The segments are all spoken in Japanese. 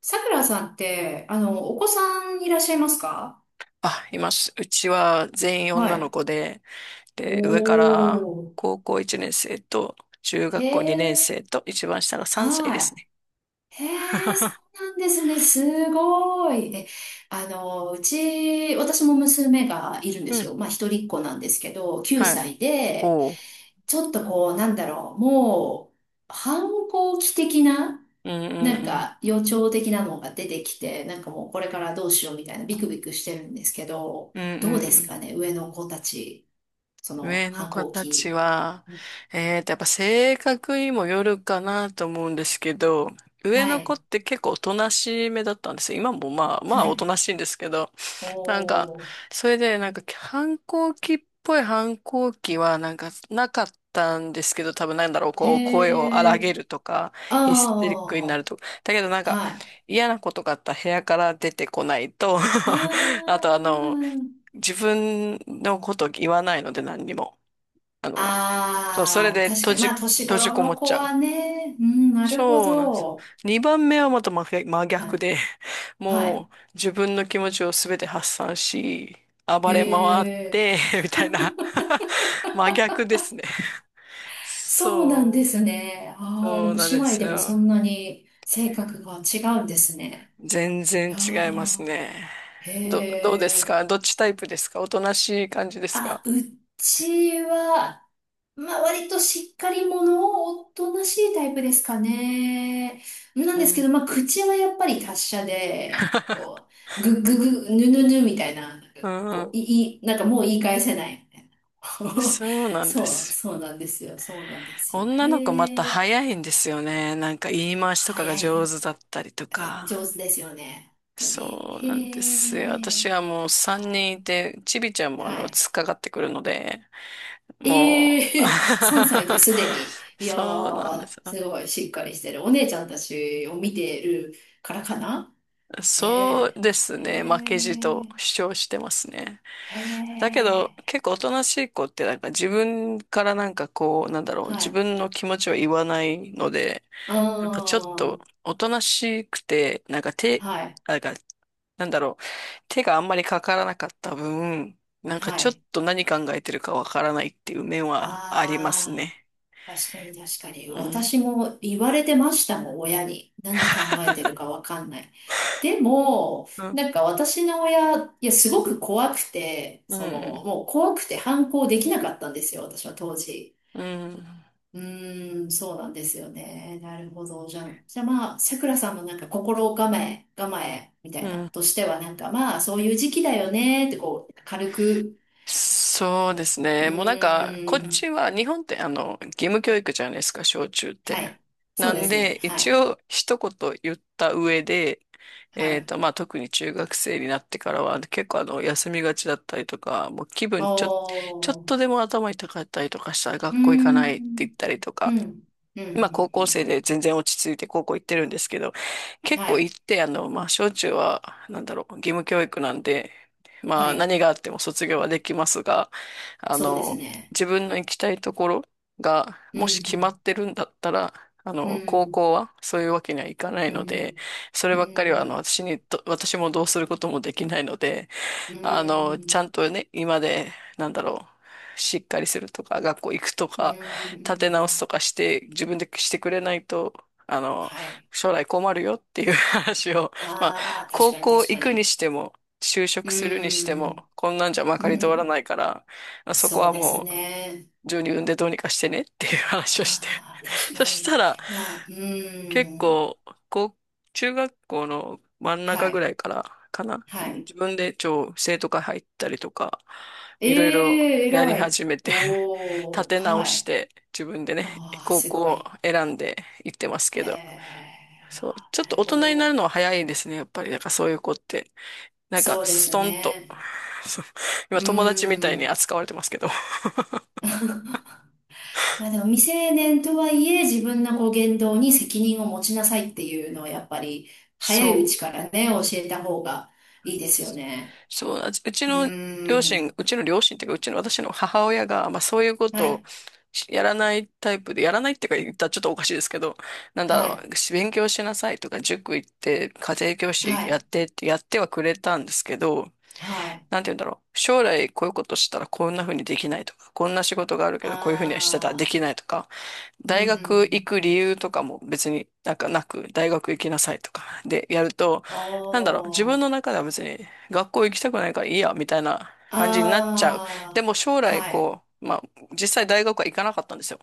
さくらさんって、お子さんいらっしゃいますか？あ、います。うちは全員は女のい。子で、お上からー。高校1年生と中へ学校2年え、生と一番下が3歳ではすい。ね。へえ、そ うなんですね。すごい。え、あの、うち、私も娘がいるんでうすん。よ。まあ、一人っ子なんですけど、9はい。歳で、おう。ちょっとこう、もう、反抗期的な、うんなんうんうん。か予兆的なのが出てきて、なんかもうこれからどうしようみたいなビクビクしてるんですけど、うんうどうんうですん。かね、上の子たち、その上の反子抗たち期。は、うん、やっぱ性格にもよるかなと思うんですけど、上はの子っい、て結構おとなしめだったんですよ。今もまあまあはおとい。なしいんですけど、なんか、おー、それで、なんか、反抗期っぽい反抗期は、なんか、なかったんですけど、多分なんだろう、へこう、声を荒ー、げるとか、ヒステリックになあるとか。だけど、なんー、か、はい。嫌なことがあったら部屋から出てこないと。 あ あと、あの、ー、自分のこと言わないので、何にも。あの、そう、それあー、で確か閉に、じ、まあ年閉じ頃こものっ子ちゃはう。ね、うん、なるほそうなんですよ。ど。2番目はまた真逆真は逆い、で、はもい。う自分の気持ちをすべて発散し、暴へ、れ回って、みたいな。 真逆ですね。そうなんでそすね。う、ああ、でそうもなん姉で妹すでもそよ。んなに性格が違うんですね。全い然や違いますー、ね。どうへですえ。か？どっちタイプですか？おとなしい感じですか？あ、うちは、まあ割としっかり者をおとなしいタイプですかね。なんうですけん。ど、まあ口はやっぱり達者で、なんかこう、ぐっぐぐ、ぬぬぬみたいな、なんかうこん。う、いい、なんかもう言い返せないみたいな。そう なんでそう、す。そうなんですよ。そうなんですよ。女の子またへえ。早いんですよね。なんか言い回しと早かが上手い。だったりとか。上手ですよね。本当に。そうなんでへすよ。私え。はもう3は人い。いて、ちびちゃんもあはの、い。突っかかってくるので、もう。ええ、3歳 ですでに。いやそうなんでー、す。すごいしっかりしてる。お姉ちゃんたちを見てるからかな。えそうえ、ですへね。負けじとえ。主張してますね。へだけど、え。結構おとなしい子ってなんか自分からなんかこう、なんだろう、は自い。分の気持ちは言わないので、あなんかちょっとー。おとなしくて、なんか手、はい。なんか、なんだろう、手があんまりかからなかった分、なんかはちょっい。と何考えてるかわからないっていう面はありますあー。ね。確かに確かに。うん。私も言われてましたもん、親に。何考えてるかわかんない。でも、うん。なんか私の親、いや、すごく怖くて、うその、ん。もう怖くて反抗できなかったんですよ、私は当時。うん。うーん、そうなんですよね。なるほど。じゃあまあ、さくらさんのなんか心構え、構えみたういな、ん。としてはなんかまあ、そういう時期だよね、ってこう、軽く、そうですうね。もうなんか、こーっん、ちは、日本ってあの、義務教育じゃないですか、小中って。はい。そなうでんすで、ね。は一い。応、一言言った上で、はい。まあ、特に中学生になってからは、結構あの、休みがちだったりとか、もう気あ分ちょ、ちょっあ、うとでも頭痛かったりとかしたらー学校行かないって言ん、ったりとうん、か、うん、うん、今高う校ん、生うでん。全然落ち着いて高校行ってるんですけど、結は構い、行って、あの、まあ、小中は、なんだろう、義務教育なんで、まはあ、い、何があっても卒業はできますが、あそうですの、ね。自分の行きたいところが、うもし決まん、ってるんだったら、あうん、うの、高ん、校はそういうわけにはいかないうので、ん、それうばっかりは、あの、ん、私にと、私もどうすることもできないので、うあの、ちん、ゃんとね、今で、なんだろう、しっかりするとか、学校行くとうか、立て直すん、とかして、自分でしてくれないと、あの、はい。将来困るよっていう 話を、まあ、ああ、確高かに、校確行かくにに。しても、就う職するにしても、ん、こんなんじゃまうかり通らなん、いから、そこそうはですもう、ね。自分で産んでどうにかしてねっていう話をして。ああ、確そかしたに。ら、まあ、う結ん、構、こう、中学校の真ん中はぐらい、いからかな。はい。自分で超生徒会入ったりとか、えいろいろえ、やり偉い。始めて 立おー、て直はしい。て、自分でね、ああ、高す校ごをい。選んで行ってますけへど。え、そう、あ、ちょっなとる大ほ人になど。るのは早いですね、やっぱり。なんかそういう子って。なんか、そうでスすトンと。ね。そう、今う友達みたいにん。扱われてますけど。まあでも未成年とはいえ自分のこう言動に責任を持ちなさいっていうのはやっぱり早いうそちう。からね、教えた方がいいですよね。そうなんです。うちうの両親、ん。うちの両親っていうか、うちの私の母親が、まあそういうこはとをい、やらないタイプで、やらないっていうか言ったらちょっとおかしいですけど、なんだはろい、う、勉強しなさいとか、塾行って、家庭教師はやっい、てってやってはくれたんですけど、はい。なんて言うんだろう、将来こういうことしたらこんな風にできないとか、こんな仕事があるけどこういう風にはしてたらでああ、きないとか、うん、うん、大う学行ん。く理由とかも別になんかなく、大学行きなさいとかでやると、おなんだろう、自ー、分の中では別に学校行きたくないからいいや、みたいな感じになっちゃう。であも将あ、来はい、こう、まあ実際大学は行かなかったんですよ。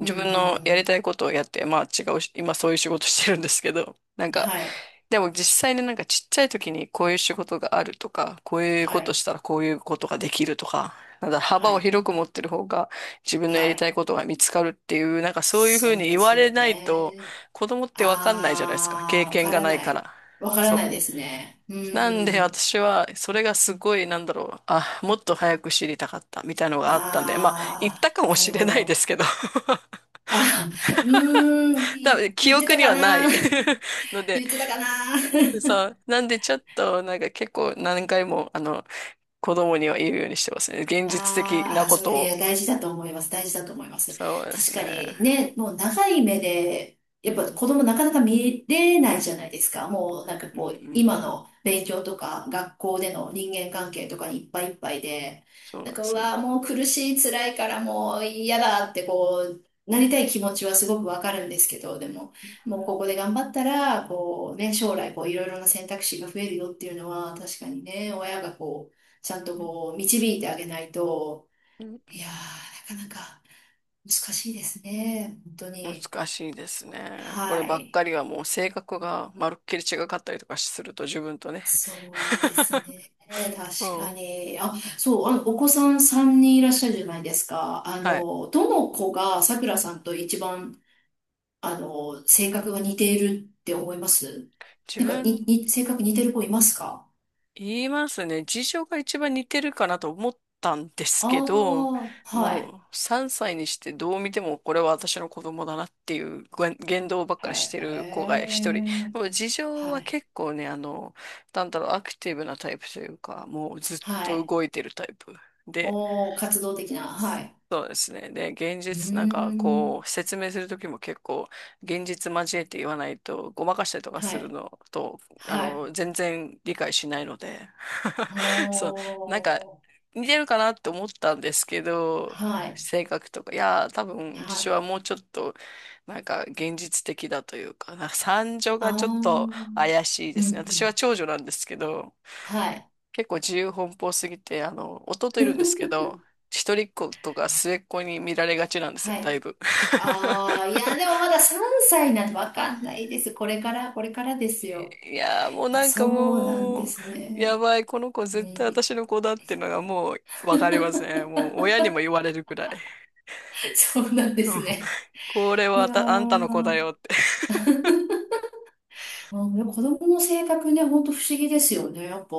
うん、うん、う分のやりん。たいことをやって、まあ違うし、今そういう仕事してるんですけど、なんかはい、でも実際になんかちっちゃい時にこういう仕事があるとか、こういうはことい、したらこういうことができるとか、なんだ、は幅をい、広く持ってる方が自分のやはりたい。いことが見つかるっていう、なんかそういうふうそうにで言わすれよないとね。子供ってわかんないじゃないですか。経ああ、わ験かがらないなかい。ら。わからそう。ないですね。うなんーでん。私はそれがすごいなんだろう。あ、もっと早く知りたかったみたいなのがあったんで、まあ言っあたかあ、もなしるれほないでど。すけど、あ、うーん、多分記言って憶たにかはなな い の で、言ってたかな。でさ、なんでちょっと、なんか結構何回も、あの、子供には言うようにしてますね。現実的あーなあー、こそとれ、いや、を。大事だと思います。大事だと思います。そうです確かね。にね、もう長い目で、やうっぱん。子供なかなか見れないじゃないですか。もうなんかうんうこう、今ん。の勉強とか、学校での人間関係とかにいっぱいいっぱいで、そうなんなんでか、うすよね。わー、もう苦しい、辛いからもう嫌だってこう、なりたい気持ちはすごくわかるんですけど、でも、もうここで頑張ったら、こうね、将来こういろいろな選択肢が増えるよっていうのは、確かにね、親がこう、ちゃんとこう、導いてあげないと、うんいやー、なかなか難しいですね。本当に。難しいですね。これはばっい。かりはもう性格がまるっきり違かったりとかすると自分とね。そうです ね。確もかう、に。あ、そう、お子さん3人いらっしゃるじゃないですか。あはい。の、どの子がさくらさんと一番、あの、性格が似ているって思います？自なんか、分性格似てる子いますか？言いますね。事情が一番似てるかなと思ったんですあけど、あー、はい。もう3歳にしてどう見てもこれは私の子供だなっていうご言動ばっへかりしてる子が一人。え、もう事情ははい。結構ね、あの、なんだろう、アクティブなタイプというか、もうずっはとい。動いてるタイプで、おー、活動的な、はい。そうですね。で、現うー実、なんかこん。う、説明するときも結構、現実交えて言わないと、ごまかしたりとかはするい。のと、あはい。の、全然理解しないので、そう、なんか、ほー。似てるかなって思ったんですけど、はい。性格とか、いやー、多は分、事情はい。もうちょっと、なんか、現実的だというか、なんか、三女があちー。うょっとん、怪しいでうすね。私はん。長女なんですけど、はい。結構自由奔放すぎて、あの、弟いるんですけど、一人っ子とか末っ子に見られがちなんですよ、はだいい。ぶ。ああ、いや、でも まだ3歳なんてわかんないです。これから、これからですよ。いやー、もうあ、なんそかうなんでもう、すやね。ばい、この子う絶対ん、私の子だっていうのがもうわかります ね。もう親にも言われるくらい。そうなんです ね。これいはやあんたの子ー、だよって。あ、でも子供の性格ね、ほんと不思議ですよね。やっぱ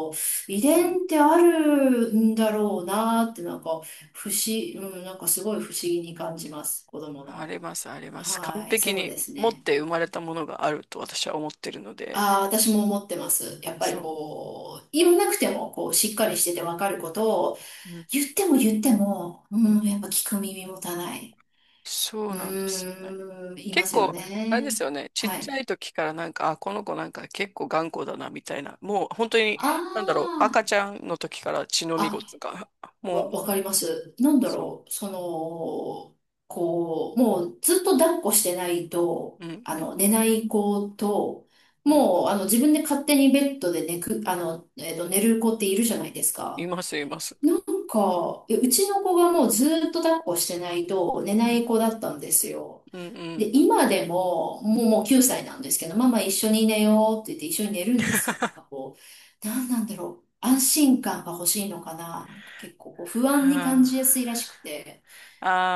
遺うん伝ってあるんだろうなって、なんかうん、なんかすごい不思議に感じます。子供ありの。ます、あります。完はい、璧そうにです持っね。て生まれたものがあると私は思ってるので。ああ、私も思ってます。やっぱりそう。こう、言わなくても、こう、しっかりしててわかることを、うん、言っても言っても、ううん。ん、やっぱ聞く耳持たない。そううなんですよね。ーん、いま結すよ構、あれでね。すよね。ちっはちい。ゃい時からなんか、あ、この子なんか結構頑固だな、みたいな。もう本当に、あなんだろう、赤あ。ちゃんの時から血のみごあ、つが、もう、わかります。なんだそう、ろう、その、こう、もうずっと抱っこしてないと、うん、うあん、の、寝ない子と、うん、もう、あの、自分で勝手にベッドで寝く、あの、えっと、寝る子っているじゃないですいか。ます、いまなす。んか、え、うちの子がもうずっと抱っこしてないと寝うないん、子だったんですよ。うん、うで、ん。今でも、もう9歳なんですけど、ママ一緒に寝ようって言って一緒に寝るんですよ。なんか こう、なんなんだろう。安心感が欲しいのかな。なんか結構こう不は安に感じやあ、すいらしくて。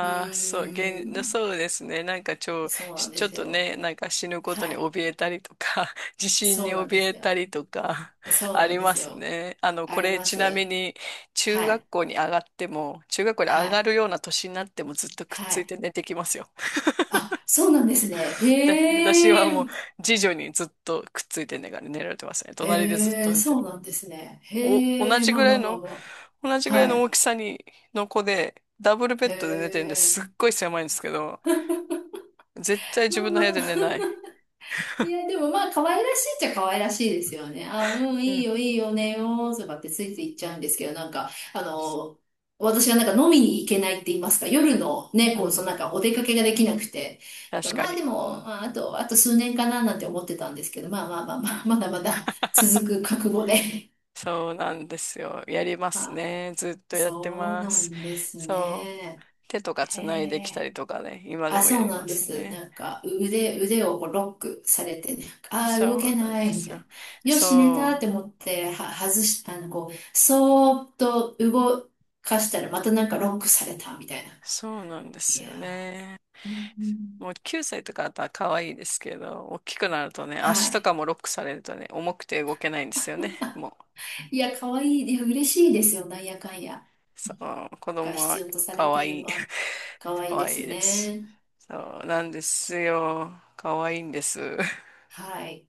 うあ、そう、ーそん、うですね。なんかそうなんちでょっすとよ。ね、なんか死ぬことはにい。怯えたりとか、地震にそうなんで怯すえよ。たりとか、 そうあなんりでますすよ。ね。あの、あこりれまちなみす。に、中は学い。校に上がっても、中学校には上がい。るような年になってもずっとくっはついい。て寝てきますよ。あ、そうなんですね。で、私はへえ。もう、次女にずっとくっついて寝られてますね。隣でずっへとえ、寝てそうる。なんですね。お、へえ、まあまあまあま同じあ。ぐらいはのい。大きさに、の子で、ダブルベへッドで寝てるんでえ。すっごい狭いんですけど、絶対自まあ分のま部屋で寝あ。ない。いや、でもまあ、可愛らしいっちゃ可愛らしいですよね。あ、うん、ういいん。よ、いいよ、ねよ、とかってついていっちゃうんですけど、なんか、あの、私はなんか飲みに行けないって言いますか、夜のね、うこう、そん。のなんかお出かけができなくて。な確んかかまあでに。も、まあ、あと、あと数年かななんて思ってたんですけど、まあまあまあまあ、まだまだ続く覚悟で。そうなんですよ。やりま すあ、ね。ずっとやってそうまなす。んですそう。ね。手とかへつないできたえ。りとかね。今であ、もやそうりなまんですす。ね。なんか、腕をこうロックされてね、ああ、そ動けうなんでない、みたすよ。いな。よし、寝たっそてう。思って、は、外し、あの、こう、そーっと動かしたら、またなんかロックされた、みたいな。そうなんでいすやよね。ー、うん、うん、もう9歳とかだったら可愛いですけど、大きくなるとね、足はとい。かもロックされるとね、重くて動けないんですよね。もういや、可愛いい。いや、嬉しいですよ、なんやかんや。そう、子なんか供必は要とされ可てる愛のい。は、可 愛い可で愛いすです。ね。そうなんですよ。可愛いんです。はい。